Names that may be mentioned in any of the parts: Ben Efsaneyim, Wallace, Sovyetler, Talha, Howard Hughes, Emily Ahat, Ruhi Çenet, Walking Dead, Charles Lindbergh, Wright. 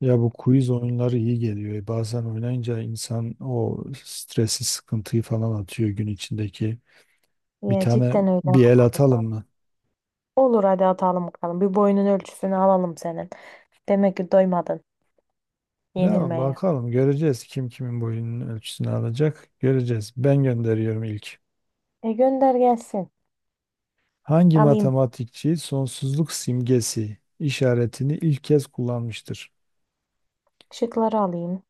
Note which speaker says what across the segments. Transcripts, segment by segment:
Speaker 1: Ya bu quiz oyunları iyi geliyor. Bazen oynayınca insan o stresi, sıkıntıyı falan atıyor gün içindeki. Bir
Speaker 2: Ya
Speaker 1: tane
Speaker 2: cidden öyle ama
Speaker 1: bir el
Speaker 2: arada.
Speaker 1: atalım mı?
Speaker 2: Olur hadi atalım bakalım. Bir boyunun ölçüsünü alalım senin. Demek ki doymadın
Speaker 1: Ya
Speaker 2: yenilmeye.
Speaker 1: bakalım göreceğiz kim kimin boyunun ölçüsünü alacak. Göreceğiz. Ben gönderiyorum ilk.
Speaker 2: E, gönder gelsin.
Speaker 1: Hangi
Speaker 2: Alayım.
Speaker 1: matematikçi sonsuzluk simgesi işaretini ilk kez kullanmıştır?
Speaker 2: Şıkları alayım.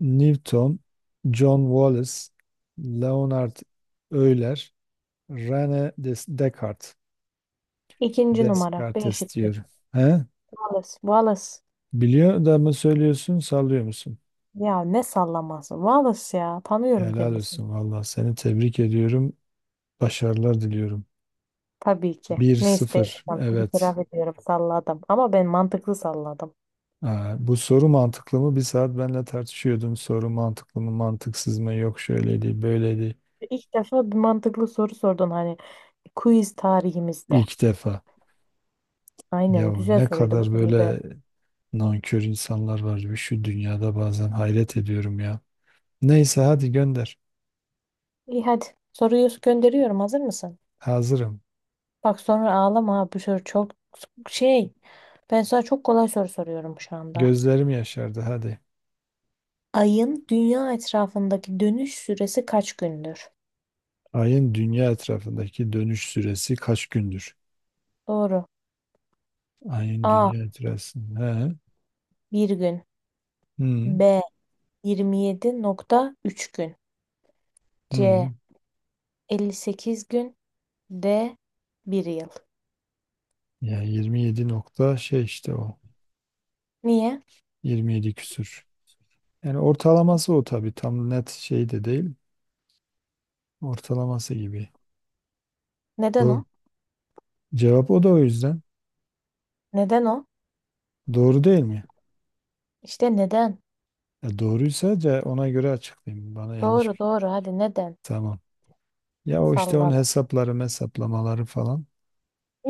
Speaker 1: Newton, John Wallace, Leonard Euler, Descartes.
Speaker 2: İkinci numara. B
Speaker 1: Descartes
Speaker 2: şıkkı.
Speaker 1: diyorum. He?
Speaker 2: Wallace. Wallace.
Speaker 1: Biliyor da mı söylüyorsun, sallıyor musun?
Speaker 2: Ya ne sallaması. Wallace ya. Tanıyorum
Speaker 1: Helal
Speaker 2: kendisini.
Speaker 1: olsun valla. Seni tebrik ediyorum. Başarılar diliyorum.
Speaker 2: Tabii ki.
Speaker 1: Bir
Speaker 2: Neyse değil.
Speaker 1: sıfır. Evet.
Speaker 2: İtiraf ediyorum. Salladım. Ama ben mantıklı salladım.
Speaker 1: Aa, bu soru mantıklı mı? Bir saat benimle tartışıyordun. Soru mantıklı mı, mantıksız mı? Yok şöyleydi, böyleydi.
Speaker 2: İlk defa bir mantıklı soru sordun hani quiz tarihimizde.
Speaker 1: İlk defa. Ya
Speaker 2: Aynen güzel
Speaker 1: ne
Speaker 2: soruydu. Bu
Speaker 1: kadar
Speaker 2: soruyu
Speaker 1: böyle nankör insanlar var ya şu dünyada bazen hayret ediyorum ya. Neyse hadi gönder.
Speaker 2: İyi hadi. Soruyu gönderiyorum. Hazır mısın?
Speaker 1: Hazırım.
Speaker 2: Bak sonra ağlama. Ha, Bu soru çok şey. Ben sana çok kolay soru soruyorum şu anda.
Speaker 1: Gözlerim yaşardı hadi.
Speaker 2: Ayın dünya etrafındaki dönüş süresi kaç gündür?
Speaker 1: Ayın dünya etrafındaki dönüş süresi kaç gündür?
Speaker 2: Doğru.
Speaker 1: Ayın
Speaker 2: A.
Speaker 1: dünya itirazsın. He.
Speaker 2: Bir gün.
Speaker 1: Hı.
Speaker 2: B. 27,3 gün. C.
Speaker 1: Hı.
Speaker 2: 58 gün. D. Bir yıl.
Speaker 1: Yani 27 nokta şey işte o.
Speaker 2: Niye?
Speaker 1: 27 küsür. Yani ortalaması o tabii. Tam net şey de değil. Ortalaması gibi.
Speaker 2: Neden
Speaker 1: Doğru.
Speaker 2: o?
Speaker 1: Cevap o da o yüzden.
Speaker 2: Neden o?
Speaker 1: Doğru değil mi?
Speaker 2: İşte neden?
Speaker 1: Ya doğruysa ona göre açıklayayım. Bana
Speaker 2: Doğru,
Speaker 1: yanlış.
Speaker 2: doğru, hadi neden?
Speaker 1: Tamam. Ya o işte onun
Speaker 2: Salladım.
Speaker 1: hesapları, hesaplamaları falan.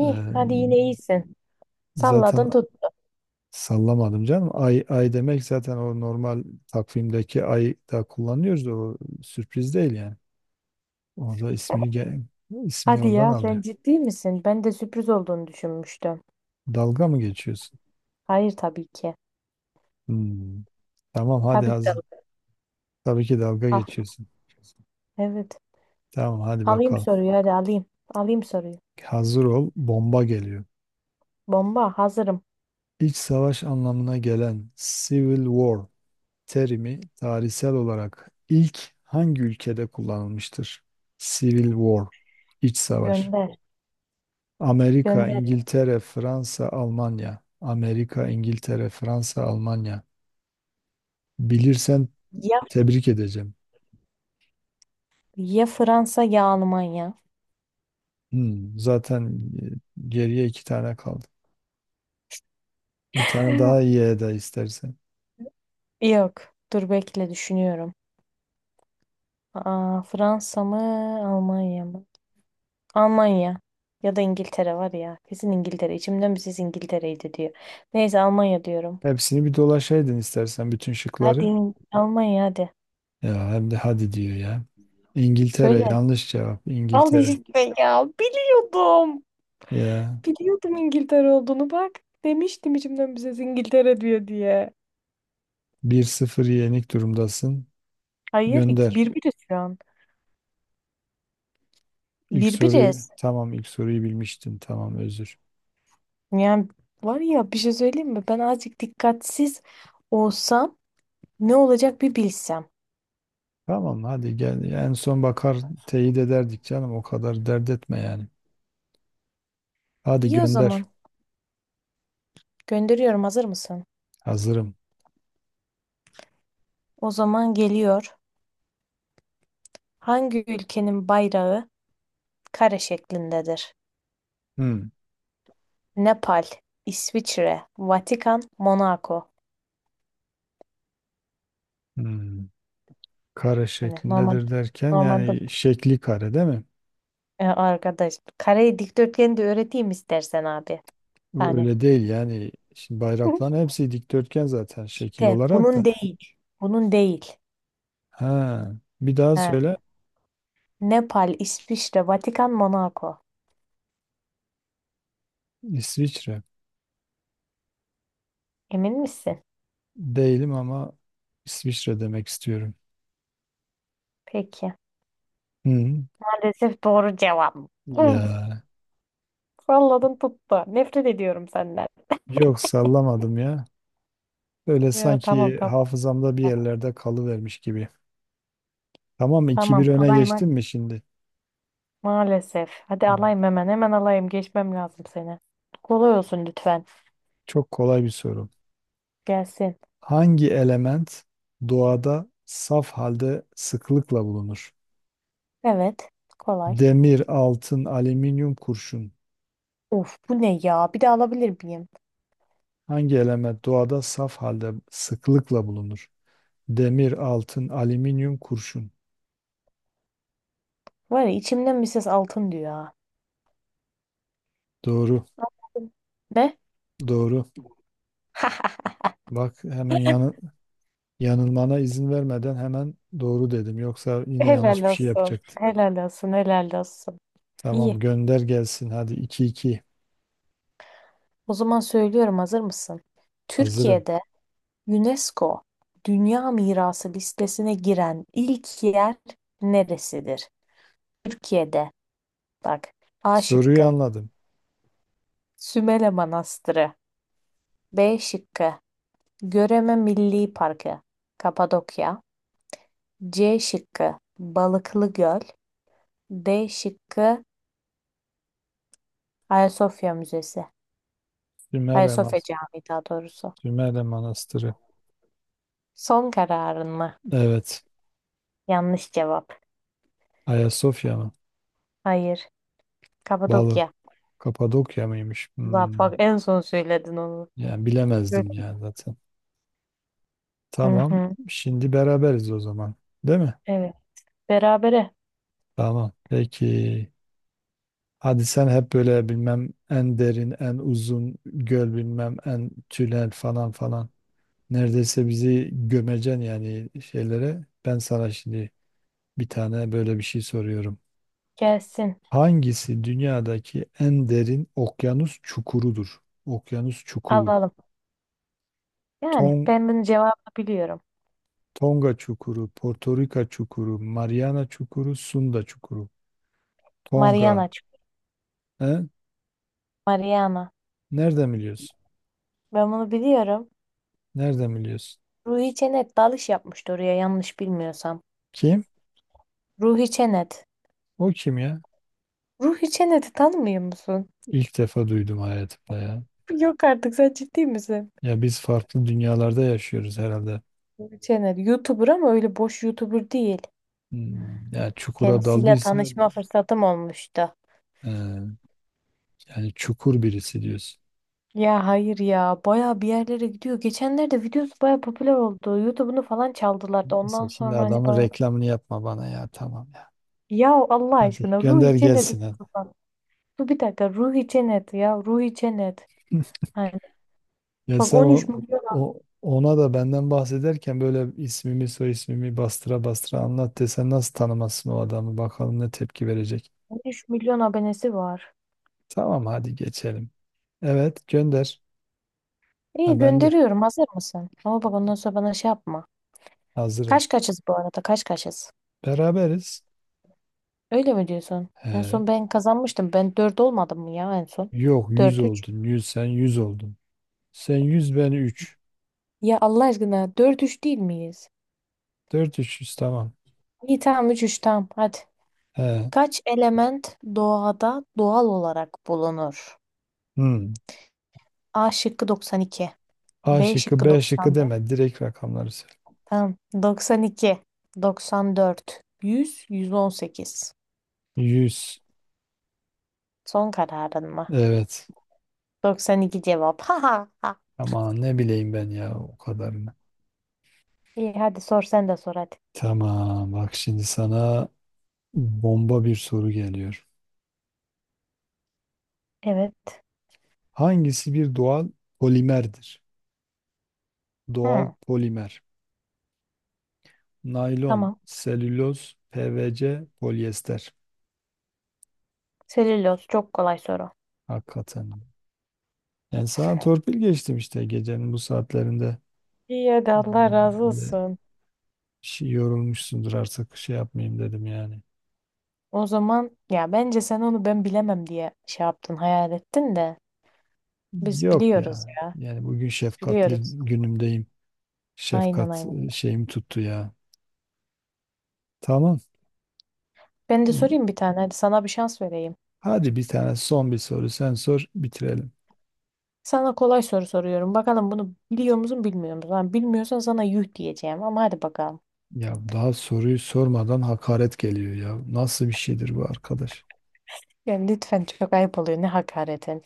Speaker 1: Ee,
Speaker 2: hadi yine iyisin.
Speaker 1: zaten
Speaker 2: Salladın tut.
Speaker 1: sallamadım canım. Ay, ay demek zaten o normal takvimdeki ay da kullanıyoruz. O sürpriz değil yani. Orada ismini ge- ismini
Speaker 2: Hadi
Speaker 1: oradan
Speaker 2: ya
Speaker 1: alıyor.
Speaker 2: sen ciddi misin? Ben de sürpriz olduğunu düşünmüştüm.
Speaker 1: Dalga mı geçiyorsun?
Speaker 2: Hayır tabii ki.
Speaker 1: Hmm, Tamam hadi
Speaker 2: Tabii ki.
Speaker 1: hazır. Tabii ki dalga
Speaker 2: Ah
Speaker 1: geçiyorsun.
Speaker 2: evet.
Speaker 1: Tamam hadi
Speaker 2: Alayım
Speaker 1: bakalım.
Speaker 2: soruyu hadi alayım. Alayım soruyu.
Speaker 1: Hazır ol, bomba geliyor.
Speaker 2: Bomba hazırım.
Speaker 1: İç savaş anlamına gelen Civil War terimi tarihsel olarak ilk hangi ülkede kullanılmıştır? Civil War, iç savaş.
Speaker 2: Gönder.
Speaker 1: Amerika,
Speaker 2: Gönder.
Speaker 1: İngiltere, Fransa, Almanya. Amerika, İngiltere, Fransa, Almanya. Bilirsen
Speaker 2: Ya,
Speaker 1: tebrik edeceğim.
Speaker 2: ya Fransa ya Almanya.
Speaker 1: Zaten geriye iki tane kaldı. Bir tane daha iyi eda istersen.
Speaker 2: Yok. Dur bekle düşünüyorum. Aa, Fransa mı Almanya mı? Almanya. Ya da İngiltere var ya. Kesin İngiltere. İçimden bir ses İngiltere'ydi diyor. Neyse Almanya diyorum.
Speaker 1: Hepsini bir dolaşaydın istersen bütün
Speaker 2: Hadi
Speaker 1: şıkları.
Speaker 2: Almanya hadi.
Speaker 1: Ya hem de hadi diyor ya. İngiltere
Speaker 2: Söyle.
Speaker 1: yanlış cevap.
Speaker 2: Al
Speaker 1: İngiltere.
Speaker 2: işte ya. Biliyordum.
Speaker 1: Ya
Speaker 2: Biliyordum İngiltere olduğunu bak. Demiştim içimden bize İngiltere diyor diye.
Speaker 1: bir sıfır yenik durumdasın.
Speaker 2: Hayır, iki,
Speaker 1: Gönder.
Speaker 2: birbiriz şu an.
Speaker 1: İlk soruyu
Speaker 2: Birbiriz.
Speaker 1: tamam, ilk soruyu bilmiştin. Tamam özür.
Speaker 2: Yani var ya bir şey söyleyeyim mi? Ben azıcık dikkatsiz olsam ne olacak bir bilsem.
Speaker 1: Tamam hadi gel. En son bakar teyit ederdik canım. O kadar dert etme yani. Hadi
Speaker 2: İyi o
Speaker 1: gönder.
Speaker 2: zaman. Gönderiyorum hazır mısın?
Speaker 1: Hazırım.
Speaker 2: O zaman geliyor. Hangi ülkenin bayrağı kare şeklindedir?
Speaker 1: Hmm.
Speaker 2: Nepal, İsviçre, Vatikan, Monaco.
Speaker 1: Hmm. Kare
Speaker 2: Hani
Speaker 1: şeklindedir derken
Speaker 2: normalde,
Speaker 1: yani şekli kare değil mi?
Speaker 2: E, arkadaş kare dikdörtgeni de öğreteyim istersen abi.
Speaker 1: Bu
Speaker 2: Yani
Speaker 1: öyle değil yani. Şimdi bayrakların hepsi dikdörtgen zaten şekil
Speaker 2: de,
Speaker 1: olarak da.
Speaker 2: bunun değil. Bunun değil.
Speaker 1: Ha, bir daha
Speaker 2: Ha.
Speaker 1: söyle.
Speaker 2: Nepal, İsviçre, Vatikan, Monaco.
Speaker 1: İsviçre.
Speaker 2: Emin misin?
Speaker 1: Değilim ama İsviçre demek istiyorum.
Speaker 2: Peki.
Speaker 1: Hı.
Speaker 2: Maalesef doğru cevap. Uf,
Speaker 1: Ya
Speaker 2: salladın tuttu. Nefret ediyorum senden.
Speaker 1: yok sallamadım ya. Böyle
Speaker 2: Ya tamam,
Speaker 1: sanki
Speaker 2: tamam.
Speaker 1: hafızamda bir
Speaker 2: Ya.
Speaker 1: yerlerde kalıvermiş gibi. Tamam mı? İki bir
Speaker 2: Tamam
Speaker 1: öne
Speaker 2: alayım. Ha.
Speaker 1: geçtim mi şimdi?
Speaker 2: Maalesef. Hadi
Speaker 1: Hı.
Speaker 2: alayım hemen. Hemen alayım. Geçmem lazım seni. Kolay olsun lütfen.
Speaker 1: Çok kolay bir soru.
Speaker 2: Gelsin.
Speaker 1: Hangi element doğada saf halde sıklıkla bulunur?
Speaker 2: Evet. Kolay.
Speaker 1: Demir, altın, alüminyum, kurşun.
Speaker 2: Of bu ne ya? Bir de alabilir miyim?
Speaker 1: Hangi element doğada saf halde sıklıkla bulunur? Demir, altın, alüminyum, kurşun.
Speaker 2: Var ya içimden bir ses altın diyor ha.
Speaker 1: Doğru,
Speaker 2: Ne?
Speaker 1: doğru. Bak hemen yanılmana izin vermeden hemen doğru dedim. Yoksa yine
Speaker 2: Helal
Speaker 1: yanlış bir şey
Speaker 2: olsun.
Speaker 1: yapacaktım.
Speaker 2: Helal olsun. Helal olsun. İyi.
Speaker 1: Tamam gönder gelsin. Hadi iki iki.
Speaker 2: O zaman söylüyorum hazır mısın?
Speaker 1: Hazırım.
Speaker 2: Türkiye'de UNESCO Dünya Mirası listesine giren ilk yer neresidir? Türkiye'de bak. A
Speaker 1: Soruyu
Speaker 2: şıkkı
Speaker 1: anladım.
Speaker 2: Sümele Manastırı. B şıkkı Göreme Milli Parkı, Kapadokya. C şıkkı Balıklı Göl. D şıkkı Ayasofya Müzesi. Hayır,
Speaker 1: Sümerle,
Speaker 2: Sofya
Speaker 1: Mas
Speaker 2: Camii daha doğrusu.
Speaker 1: Sümerle Manastırı.
Speaker 2: Son kararın mı?
Speaker 1: Evet.
Speaker 2: Yanlış cevap.
Speaker 1: Ayasofya mı?
Speaker 2: Hayır.
Speaker 1: Balı.
Speaker 2: Kapadokya.
Speaker 1: Kapadokya mıymış?
Speaker 2: Allah,
Speaker 1: Hmm.
Speaker 2: bak en son söyledin onu.
Speaker 1: Yani bilemezdim
Speaker 2: Şöyle.
Speaker 1: ya zaten.
Speaker 2: Hı
Speaker 1: Tamam.
Speaker 2: hı.
Speaker 1: Şimdi beraberiz o zaman. Değil mi?
Speaker 2: Evet. Berabere
Speaker 1: Tamam. Peki. Hadi sen hep böyle bilmem en derin, en uzun göl bilmem en tünel falan falan. Neredeyse bizi gömeceksin yani şeylere. Ben sana şimdi bir tane böyle bir şey soruyorum.
Speaker 2: gelsin.
Speaker 1: Hangisi dünyadaki en derin okyanus çukurudur? Okyanus çukuru.
Speaker 2: Alalım. Yani
Speaker 1: Ton
Speaker 2: ben bunun cevabını biliyorum.
Speaker 1: Tonga çukuru, Porto Rica çukuru, Mariana çukuru, Sunda çukuru. Tonga.
Speaker 2: Mariana.
Speaker 1: He?
Speaker 2: Mariana.
Speaker 1: Nereden biliyorsun?
Speaker 2: Ben bunu biliyorum.
Speaker 1: Nereden biliyorsun?
Speaker 2: Ruhi Çenet dalış yapmıştı oraya yanlış bilmiyorsam.
Speaker 1: Kim?
Speaker 2: Ruhi Çenet.
Speaker 1: O kim ya?
Speaker 2: Ruhi Çenet'i tanımıyor musun?
Speaker 1: İlk defa duydum hayatımda ya.
Speaker 2: Yok artık sen ciddi misin?
Speaker 1: Ya biz farklı dünyalarda yaşıyoruz herhalde.
Speaker 2: Ruhi Çenet. YouTuber ama öyle boş YouTuber değil.
Speaker 1: Hmm, ya çukura
Speaker 2: Kendisiyle
Speaker 1: daldıysa
Speaker 2: tanışma fırsatım olmuştu.
Speaker 1: e, yani çukur birisi diyorsun.
Speaker 2: Ya hayır ya baya bir yerlere gidiyor. Geçenlerde videosu baya popüler oldu. YouTube'unu falan çaldılar da ondan
Speaker 1: Neyse şimdi
Speaker 2: sonra hani
Speaker 1: adamın
Speaker 2: baya.
Speaker 1: reklamını yapma bana ya tamam ya.
Speaker 2: Ya Allah
Speaker 1: Hadi
Speaker 2: aşkına
Speaker 1: gönder
Speaker 2: Ruhi Cennet.
Speaker 1: gelsin hadi.
Speaker 2: Dur bir dakika, Ruhi Cennet ya, Ruhi Cennet. Hani
Speaker 1: Ya
Speaker 2: bak,
Speaker 1: sen
Speaker 2: 13
Speaker 1: o,
Speaker 2: milyon
Speaker 1: O ona da benden bahsederken böyle ismimi soy ismimi bastıra bastıra anlat desen nasıl tanımasın o adamı bakalım ne tepki verecek.
Speaker 2: 13 milyon abonesi var.
Speaker 1: Tamam hadi geçelim. Evet gönder. Ha
Speaker 2: İyi,
Speaker 1: ben de
Speaker 2: gönderiyorum hazır mısın? Ama bak ondan sonra bana şey yapma.
Speaker 1: hazırım.
Speaker 2: Kaç kaçız bu arada, kaç kaçız?
Speaker 1: Beraberiz.
Speaker 2: Öyle mi diyorsun? En
Speaker 1: He.
Speaker 2: son ben kazanmıştım. Ben 4 olmadım mı ya en son?
Speaker 1: Yok 100
Speaker 2: Dört 3.
Speaker 1: oldun. Yüz, sen 100 oldun. Sen 100 ben üç,
Speaker 2: Ya Allah aşkına dört üç değil miyiz?
Speaker 1: dört üç yüz tamam.
Speaker 2: İyi tamam, üç 3, tamam hadi.
Speaker 1: He.
Speaker 2: Kaç element doğada doğal olarak bulunur?
Speaker 1: Hmm.
Speaker 2: A şıkkı 92,
Speaker 1: A
Speaker 2: B
Speaker 1: şıkkı
Speaker 2: şıkkı
Speaker 1: B şıkkı
Speaker 2: 94.
Speaker 1: deme. Direkt rakamları söyle.
Speaker 2: Tamam, 92, 94, 100, 118.
Speaker 1: Yüz.
Speaker 2: Son kararın mı?
Speaker 1: Evet.
Speaker 2: 92 cevap. Ha ha ha.
Speaker 1: Ama ne bileyim ben ya o kadarını.
Speaker 2: İyi hadi sor, sen de sor hadi.
Speaker 1: Tamam bak şimdi sana bomba bir soru geliyor.
Speaker 2: Evet.
Speaker 1: Hangisi bir doğal polimerdir? Doğal
Speaker 2: Hı,
Speaker 1: polimer. Naylon,
Speaker 2: tamam.
Speaker 1: selüloz, PVC, polyester.
Speaker 2: Selüloz çok kolay soru.
Speaker 1: Hakikaten yani sana torpil geçtim işte gecenin bu saatlerinde.
Speaker 2: İyi hadi, Allah
Speaker 1: Ee,
Speaker 2: razı
Speaker 1: Böyle
Speaker 2: olsun.
Speaker 1: şey yorulmuşsundur artık şey yapmayayım dedim yani.
Speaker 2: O zaman ya bence sen onu ben bilemem diye şey yaptın, hayal ettin de biz
Speaker 1: Yok
Speaker 2: biliyoruz
Speaker 1: ya.
Speaker 2: ya.
Speaker 1: Yani bugün
Speaker 2: Biz
Speaker 1: şefkatli
Speaker 2: biliyoruz.
Speaker 1: günümdeyim.
Speaker 2: Aynen,
Speaker 1: Şefkat
Speaker 2: aynen.
Speaker 1: şeyim tuttu ya. Tamam.
Speaker 2: Ben de sorayım bir tane. Hadi sana bir şans vereyim.
Speaker 1: Hadi bir tane son bir soru sen sor bitirelim.
Speaker 2: Sana kolay soru soruyorum. Bakalım bunu biliyor musun, bilmiyor musun? Ha, bilmiyorsan sana yuh diyeceğim ama hadi bakalım.
Speaker 1: Ya daha soruyu sormadan hakaret geliyor ya. Nasıl bir şeydir bu arkadaş?
Speaker 2: Yani lütfen, çok ayıp oluyor. Ne hakaretin.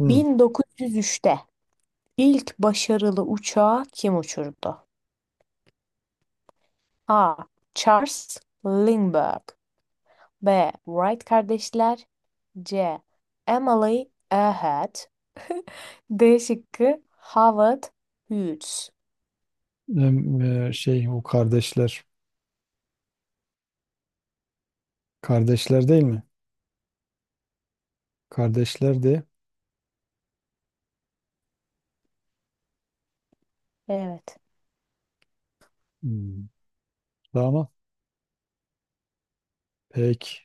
Speaker 1: Hı.
Speaker 2: 1903'te ilk başarılı uçağı kim uçurdu? A. Charles Lindbergh. B. Wright kardeşler. C. Emily Ahat. D şıkkı Howard Hughes.
Speaker 1: Şey o kardeşler. Kardeşler değil mi? Kardeşler de.
Speaker 2: Evet.
Speaker 1: Hı. Tamam. Peki.